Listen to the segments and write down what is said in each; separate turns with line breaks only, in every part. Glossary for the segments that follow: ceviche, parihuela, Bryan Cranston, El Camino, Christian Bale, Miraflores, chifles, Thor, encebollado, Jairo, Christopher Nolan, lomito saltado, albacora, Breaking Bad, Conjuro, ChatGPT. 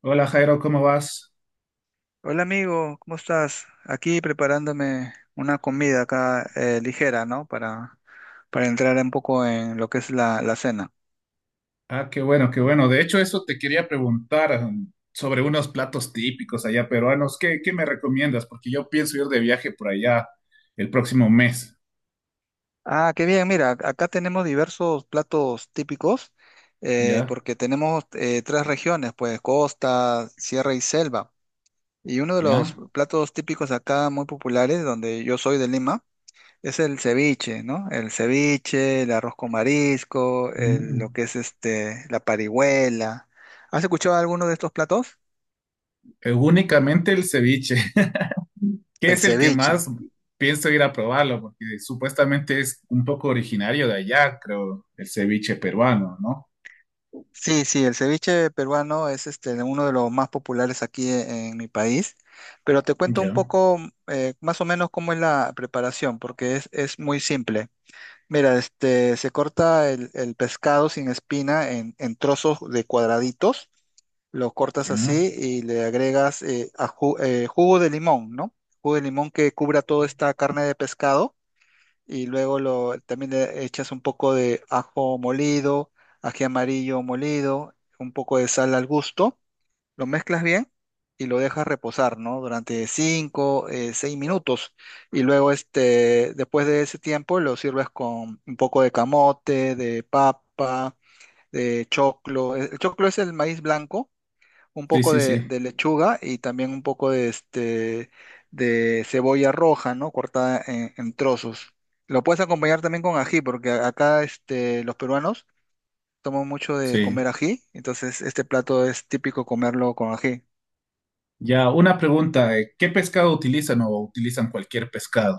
Hola Jairo, ¿cómo vas?
Hola amigo, ¿cómo estás? Aquí preparándome una comida acá ligera, ¿no? Para entrar un poco en lo que es la cena.
Ah, qué bueno, qué bueno. De hecho, eso te quería preguntar sobre unos platos típicos allá peruanos. ¿Qué me recomiendas? Porque yo pienso ir de viaje por allá el próximo mes.
Ah, qué bien, mira, acá tenemos diversos platos típicos
¿Ya?
porque tenemos tres regiones, pues costa, sierra y selva. Y uno de los
¿Ya?
platos típicos acá muy populares, donde yo soy de Lima, es el ceviche, ¿no? El ceviche, el arroz con marisco,
Mm.
lo que es este, la parihuela. ¿Has escuchado alguno de estos platos?
Únicamente el ceviche, que
El
es el que
ceviche.
más pienso ir a probarlo, porque supuestamente es un poco originario de allá, creo, el ceviche peruano, ¿no?
Sí, sí, el ceviche peruano es este, uno de los más populares aquí en mi país, pero te cuento un
Ya,
poco más o menos cómo es la preparación, porque es muy simple. Mira, este, se corta el pescado sin espina en trozos de cuadraditos. Lo cortas
ya.
así y le agregas jugo de limón, ¿no? Jugo de limón que cubra toda esta carne de pescado y luego también le echas un poco de ajo molido, ají amarillo molido, un poco de sal al gusto, lo mezclas bien y lo dejas reposar, ¿no? Durante 5, 6 minutos y luego este, después de ese tiempo lo sirves con un poco de camote, de papa, de choclo. El choclo es el maíz blanco, un
Sí,
poco
sí,
de,
sí.
de lechuga y también un poco de cebolla roja, ¿no? Cortada en trozos. Lo puedes acompañar también con ají, porque acá este, los peruanos toman mucho de
Sí.
comer ají, entonces este plato es típico comerlo con ají.
Ya, una pregunta, ¿qué pescado utilizan o utilizan cualquier pescado?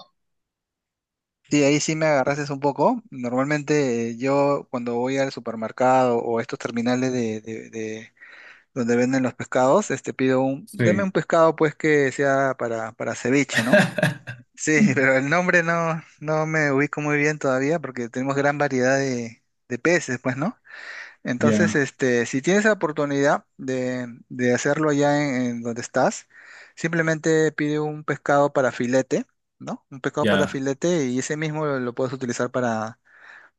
Sí, ahí sí me agarraste un poco. Normalmente yo cuando voy al supermercado o a estos terminales donde venden los pescados, este pido deme
Sí.
un pescado pues que sea para ceviche, ¿no? Sí, pero el nombre no me ubico muy bien todavía porque tenemos gran variedad de peces, pues, ¿no? Entonces,
Ya,
este, si tienes la oportunidad de hacerlo allá en donde estás, simplemente pide un pescado para filete, ¿no? Un pescado para
ya,
filete y ese mismo lo puedes utilizar para,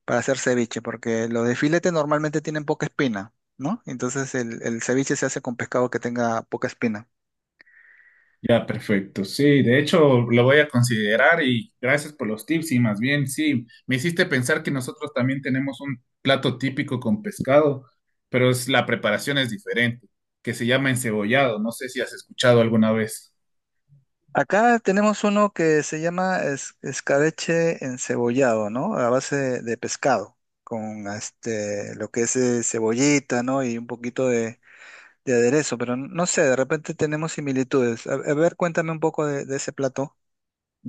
para hacer ceviche, porque los de filete normalmente tienen poca espina, ¿no? Entonces el ceviche se hace con pescado que tenga poca espina.
ya, perfecto. Sí, de hecho lo voy a considerar y gracias por los tips y más bien, sí, me hiciste pensar que nosotros también tenemos un plato típico con pescado, pero es, la preparación es diferente, que se llama encebollado. No sé si has escuchado alguna vez.
Acá tenemos uno que se llama escabeche encebollado, ¿no? A base de pescado, con este, lo que es cebollita, ¿no? Y un poquito de aderezo, pero no sé, de repente tenemos similitudes. A ver, cuéntame un poco de ese plato.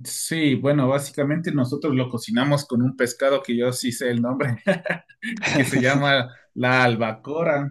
Sí, bueno, básicamente nosotros lo cocinamos con un pescado que yo sí sé el nombre, que se llama la albacora.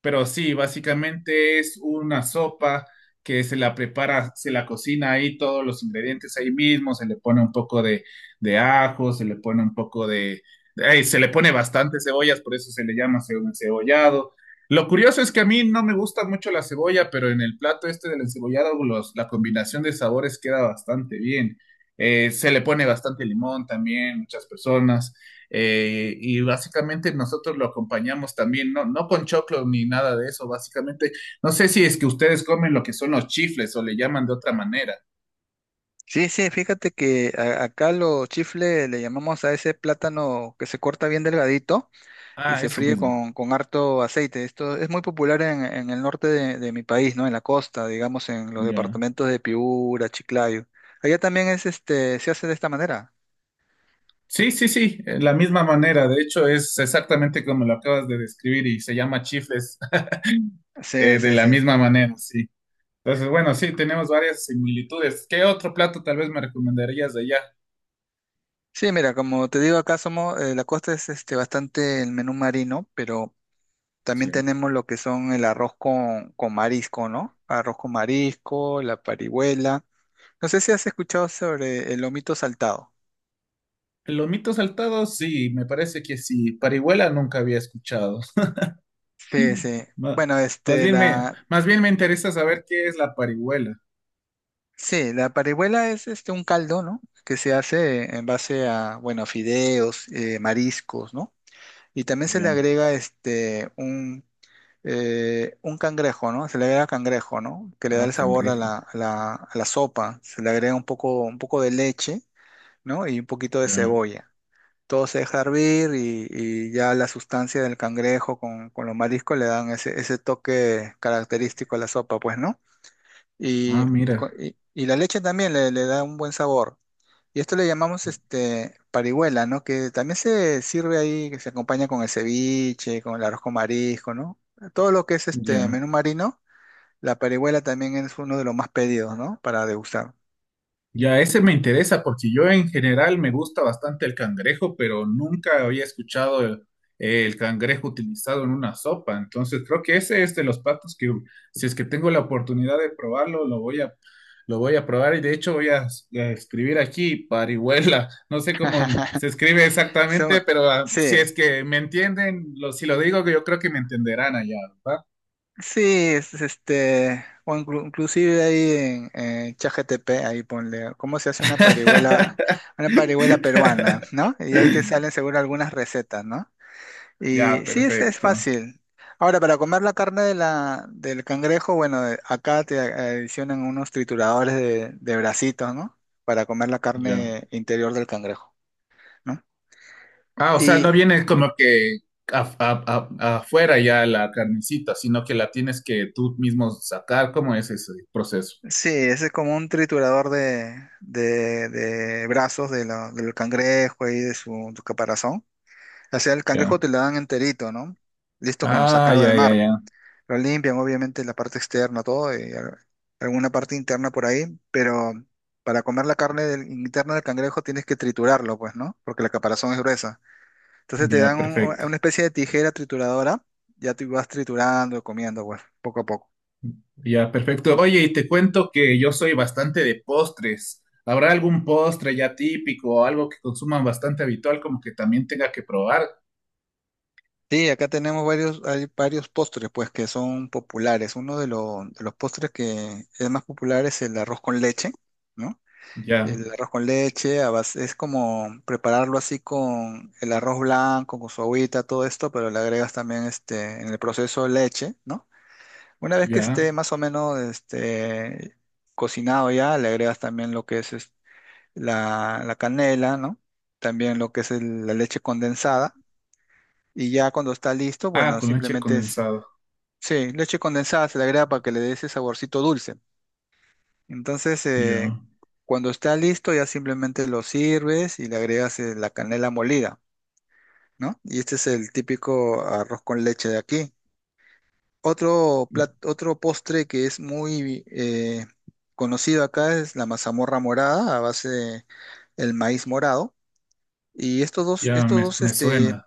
Pero sí, básicamente es una sopa que se la prepara, se la cocina ahí todos los ingredientes ahí mismo, se le pone un poco de ajo, se le pone un poco de, ay, se le pone bastante cebollas, por eso se le llama encebollado. Lo curioso es que a mí no me gusta mucho la cebolla, pero en el plato este del encebollado, la combinación de sabores queda bastante bien. Se le pone bastante limón también, muchas personas. Y básicamente nosotros lo acompañamos también, no, no con choclo ni nada de eso, básicamente. No sé si es que ustedes comen lo que son los chifles o le llaman de otra manera.
Sí, sí, fíjate que acá los chifles le llamamos a ese plátano que se corta bien delgadito. Y
Ah,
se
eso
fríe
mismo.
con harto aceite. Esto es muy popular en el norte de mi país, ¿no? En la costa, digamos, en los
Ya.
departamentos de Piura, Chiclayo. Allá también es este, se hace de esta manera.
Sí, sí, sí, la misma manera. De hecho, es exactamente como lo acabas de describir y se llama chifles
Sí,
de
sí,
la
sí.
misma manera, sí. Entonces, bueno, sí, tenemos varias similitudes. ¿Qué otro plato tal vez me recomendarías de allá?
Sí, mira, como te digo, acá somos, la costa es este bastante el menú marino, pero también
Sí.
tenemos lo que son el arroz con marisco, ¿no? Arroz con marisco, la parihuela. No sé si has escuchado sobre el lomito saltado.
El lomito saltado, sí, me parece que sí. Parihuela nunca había escuchado.
Sí, sí.
Ma-
Bueno,
Más,
este,
bien me, más bien me interesa saber qué es la parihuela.
sí, la parihuela es este un caldo, ¿no? Que se hace en base a, bueno, fideos, mariscos, ¿no? Y también se le
Ya.
agrega este un cangrejo, ¿no? Se le agrega cangrejo, ¿no? Que le da
Ah,
el sabor a
cangrejo.
la, a la, a la sopa. Se le agrega un poco de leche, ¿no? Y un poquito de
Ya.
cebolla. Todo se deja hervir y ya la sustancia del cangrejo con los mariscos le dan ese toque característico a la sopa, pues, ¿no? Y,
Ah,
y co-
mira.
y- y la leche también le da un buen sabor. Y esto le llamamos este parihuela, ¿no? Que también se sirve ahí, que se acompaña con el ceviche, con el arroz con marisco, ¿no? Todo lo que es este
Ya.
menú marino, la parihuela también es uno de los más pedidos, ¿no? Para degustar.
Ya ese me interesa porque yo en general me gusta bastante el cangrejo, pero nunca había escuchado el cangrejo utilizado en una sopa. Entonces creo que ese es de los platos que si es que tengo la oportunidad de probarlo, lo voy a probar y de hecho voy a, a escribir aquí parihuela. No sé cómo se escribe
So-
exactamente, pero ah, si
sí,
es que me entienden, si lo digo, yo creo que me entenderán allá, ¿verdad?
sí, es, este, o inclusive ahí en ChatGPT, ahí ponle, ¿cómo se hace una parihuela, peruana? ¿No? Y ahí te salen seguro algunas recetas, ¿no?
Ya,
Y sí, es
perfecto.
fácil. Ahora, para comer la carne del cangrejo, bueno, acá te adicionan unos trituradores de bracitos, ¿no? Para comer la
Ya.
carne interior del cangrejo, ¿no?
Ah, o sea, no
Y
viene como que afuera ya la carnecita, sino que la tienes que tú mismo sacar. ¿Cómo es ese proceso?
sí, ese es como un triturador de brazos del cangrejo y de su caparazón. O sea, el cangrejo
Ya.
te lo dan enterito, ¿no? Listo como
Ah,
sacado del
ya, ya,
mar.
ya.
Lo limpian, obviamente, la parte externa, todo, y alguna parte interna por ahí, pero para comer la carne interna del cangrejo tienes que triturarlo, pues, ¿no? Porque la caparazón es gruesa. Entonces te
Ya,
dan un-
perfecto.
una especie de tijera trituradora, ya tú vas triturando, comiendo, pues, poco a poco.
Ya, perfecto. Oye, y te cuento que yo soy bastante de postres. ¿Habrá algún postre ya típico o algo que consuman bastante habitual como que también tenga que probar?
Sí, acá tenemos varios, hay varios postres, pues, que son populares. Uno de los postres que es más popular es el arroz con leche, ¿no?
Ya,
El arroz con leche, es como prepararlo así con el arroz blanco, con su agüita, todo esto, pero le agregas también este, en el proceso leche, ¿no? Una vez que
ya.
esté más o menos este, cocinado ya, le agregas también lo que es, la canela, ¿no? También lo que es la leche condensada. Y ya cuando está listo,
Ah,
bueno,
con leche
simplemente
condensada.
sí, leche condensada se le agrega para que le dé ese saborcito dulce. Entonces,
Ya,
cuando está listo, ya simplemente lo sirves y le agregas la canela molida, ¿no? Y este es el típico arroz con leche de aquí. Otro postre que es muy conocido acá es la mazamorra morada a base de el maíz morado. Y estos dos,
ya
estos
me,
dos,
me suena.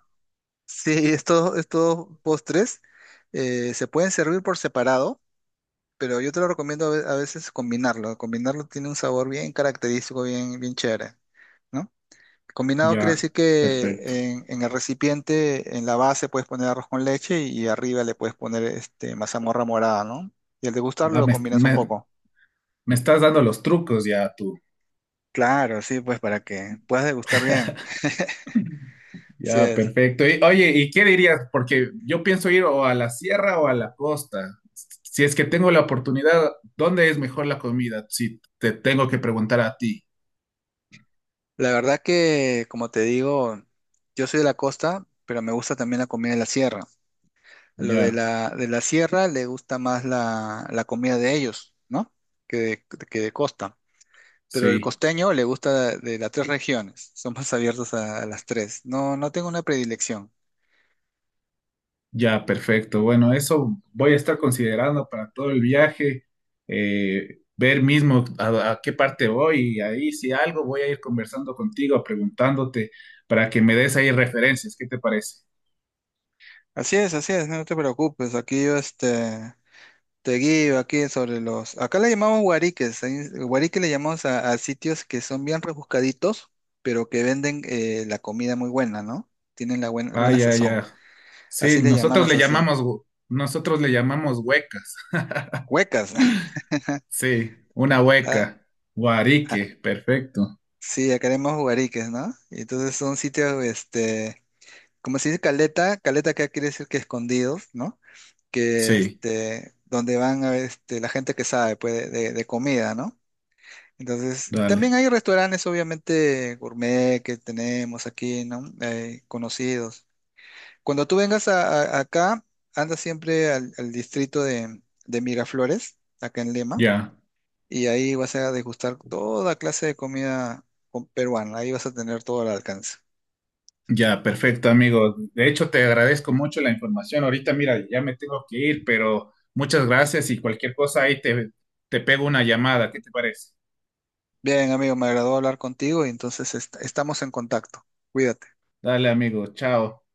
sí, estos postres se pueden servir por separado pero yo te lo recomiendo a veces combinarlo. Combinarlo tiene un sabor bien característico, bien, bien chévere, ¿no? Combinado quiere
Ya,
decir
perfecto.
que en el recipiente, en la base, puedes poner arroz con leche y arriba le puedes poner este, mazamorra morada, ¿no? Y al degustarlo
Ah,
lo
me,
combinas un
me-
poco.
Me estás dando los trucos ya tú.
Claro, sí, pues para que puedas degustar bien. Sí
Ya,
es.
perfecto. Y, oye, ¿y qué dirías? Porque yo pienso ir o a la sierra o a la costa. Si es que tengo la oportunidad, ¿dónde es mejor la comida? Si te tengo que preguntar a ti.
La verdad que, como te digo, yo soy de la costa, pero me gusta también la comida de la sierra. Lo de
Ya,
la, de la sierra le gusta más la comida de ellos, ¿no? Que que de costa. Pero el
sí,
costeño le gusta de las tres regiones, son más abiertos a las tres. No, no tengo una predilección.
ya, perfecto. Bueno, eso voy a estar considerando para todo el viaje, ver mismo a qué parte voy y ahí si algo voy a ir conversando contigo, preguntándote para que me des ahí referencias. ¿Qué te parece?
Así es, no te preocupes. Aquí yo este, te guío aquí sobre los. Acá le llamamos guariques. Guarique le llamamos a sitios que son bien rebuscaditos, pero que venden la comida muy buena, ¿no? Tienen la buena,
Ah,
buena
ya,
sazón.
ya. Sí,
Así le
nosotros
llamamos
le
así.
llamamos, nosotros le llamamos huecas.
Huecas.
Sí, una
Ah,
hueca.
ah,
Guarique, perfecto.
sí, acá le llamamos guariques, ¿no? Y entonces son sitios, este, como se dice caleta, caleta acá quiere decir que escondidos, ¿no? Que
Sí,
este, donde van a, este, la gente que sabe pues, de comida, ¿no? Entonces, también
dale.
hay restaurantes, obviamente, gourmet que tenemos aquí, ¿no? Conocidos. Cuando tú vengas acá, anda siempre al distrito de Miraflores, acá en Lima,
Ya,
y ahí vas a degustar toda clase de comida peruana, ahí vas a tener todo al alcance.
ya, perfecto, amigo. De hecho, te agradezco mucho la información. Ahorita, mira, ya me tengo que ir, pero muchas gracias y cualquier cosa ahí te, te pego una llamada. ¿Qué te parece?
Bien, amigo, me agradó hablar contigo y entonces estamos en contacto. Cuídate.
Dale, amigo. Chao.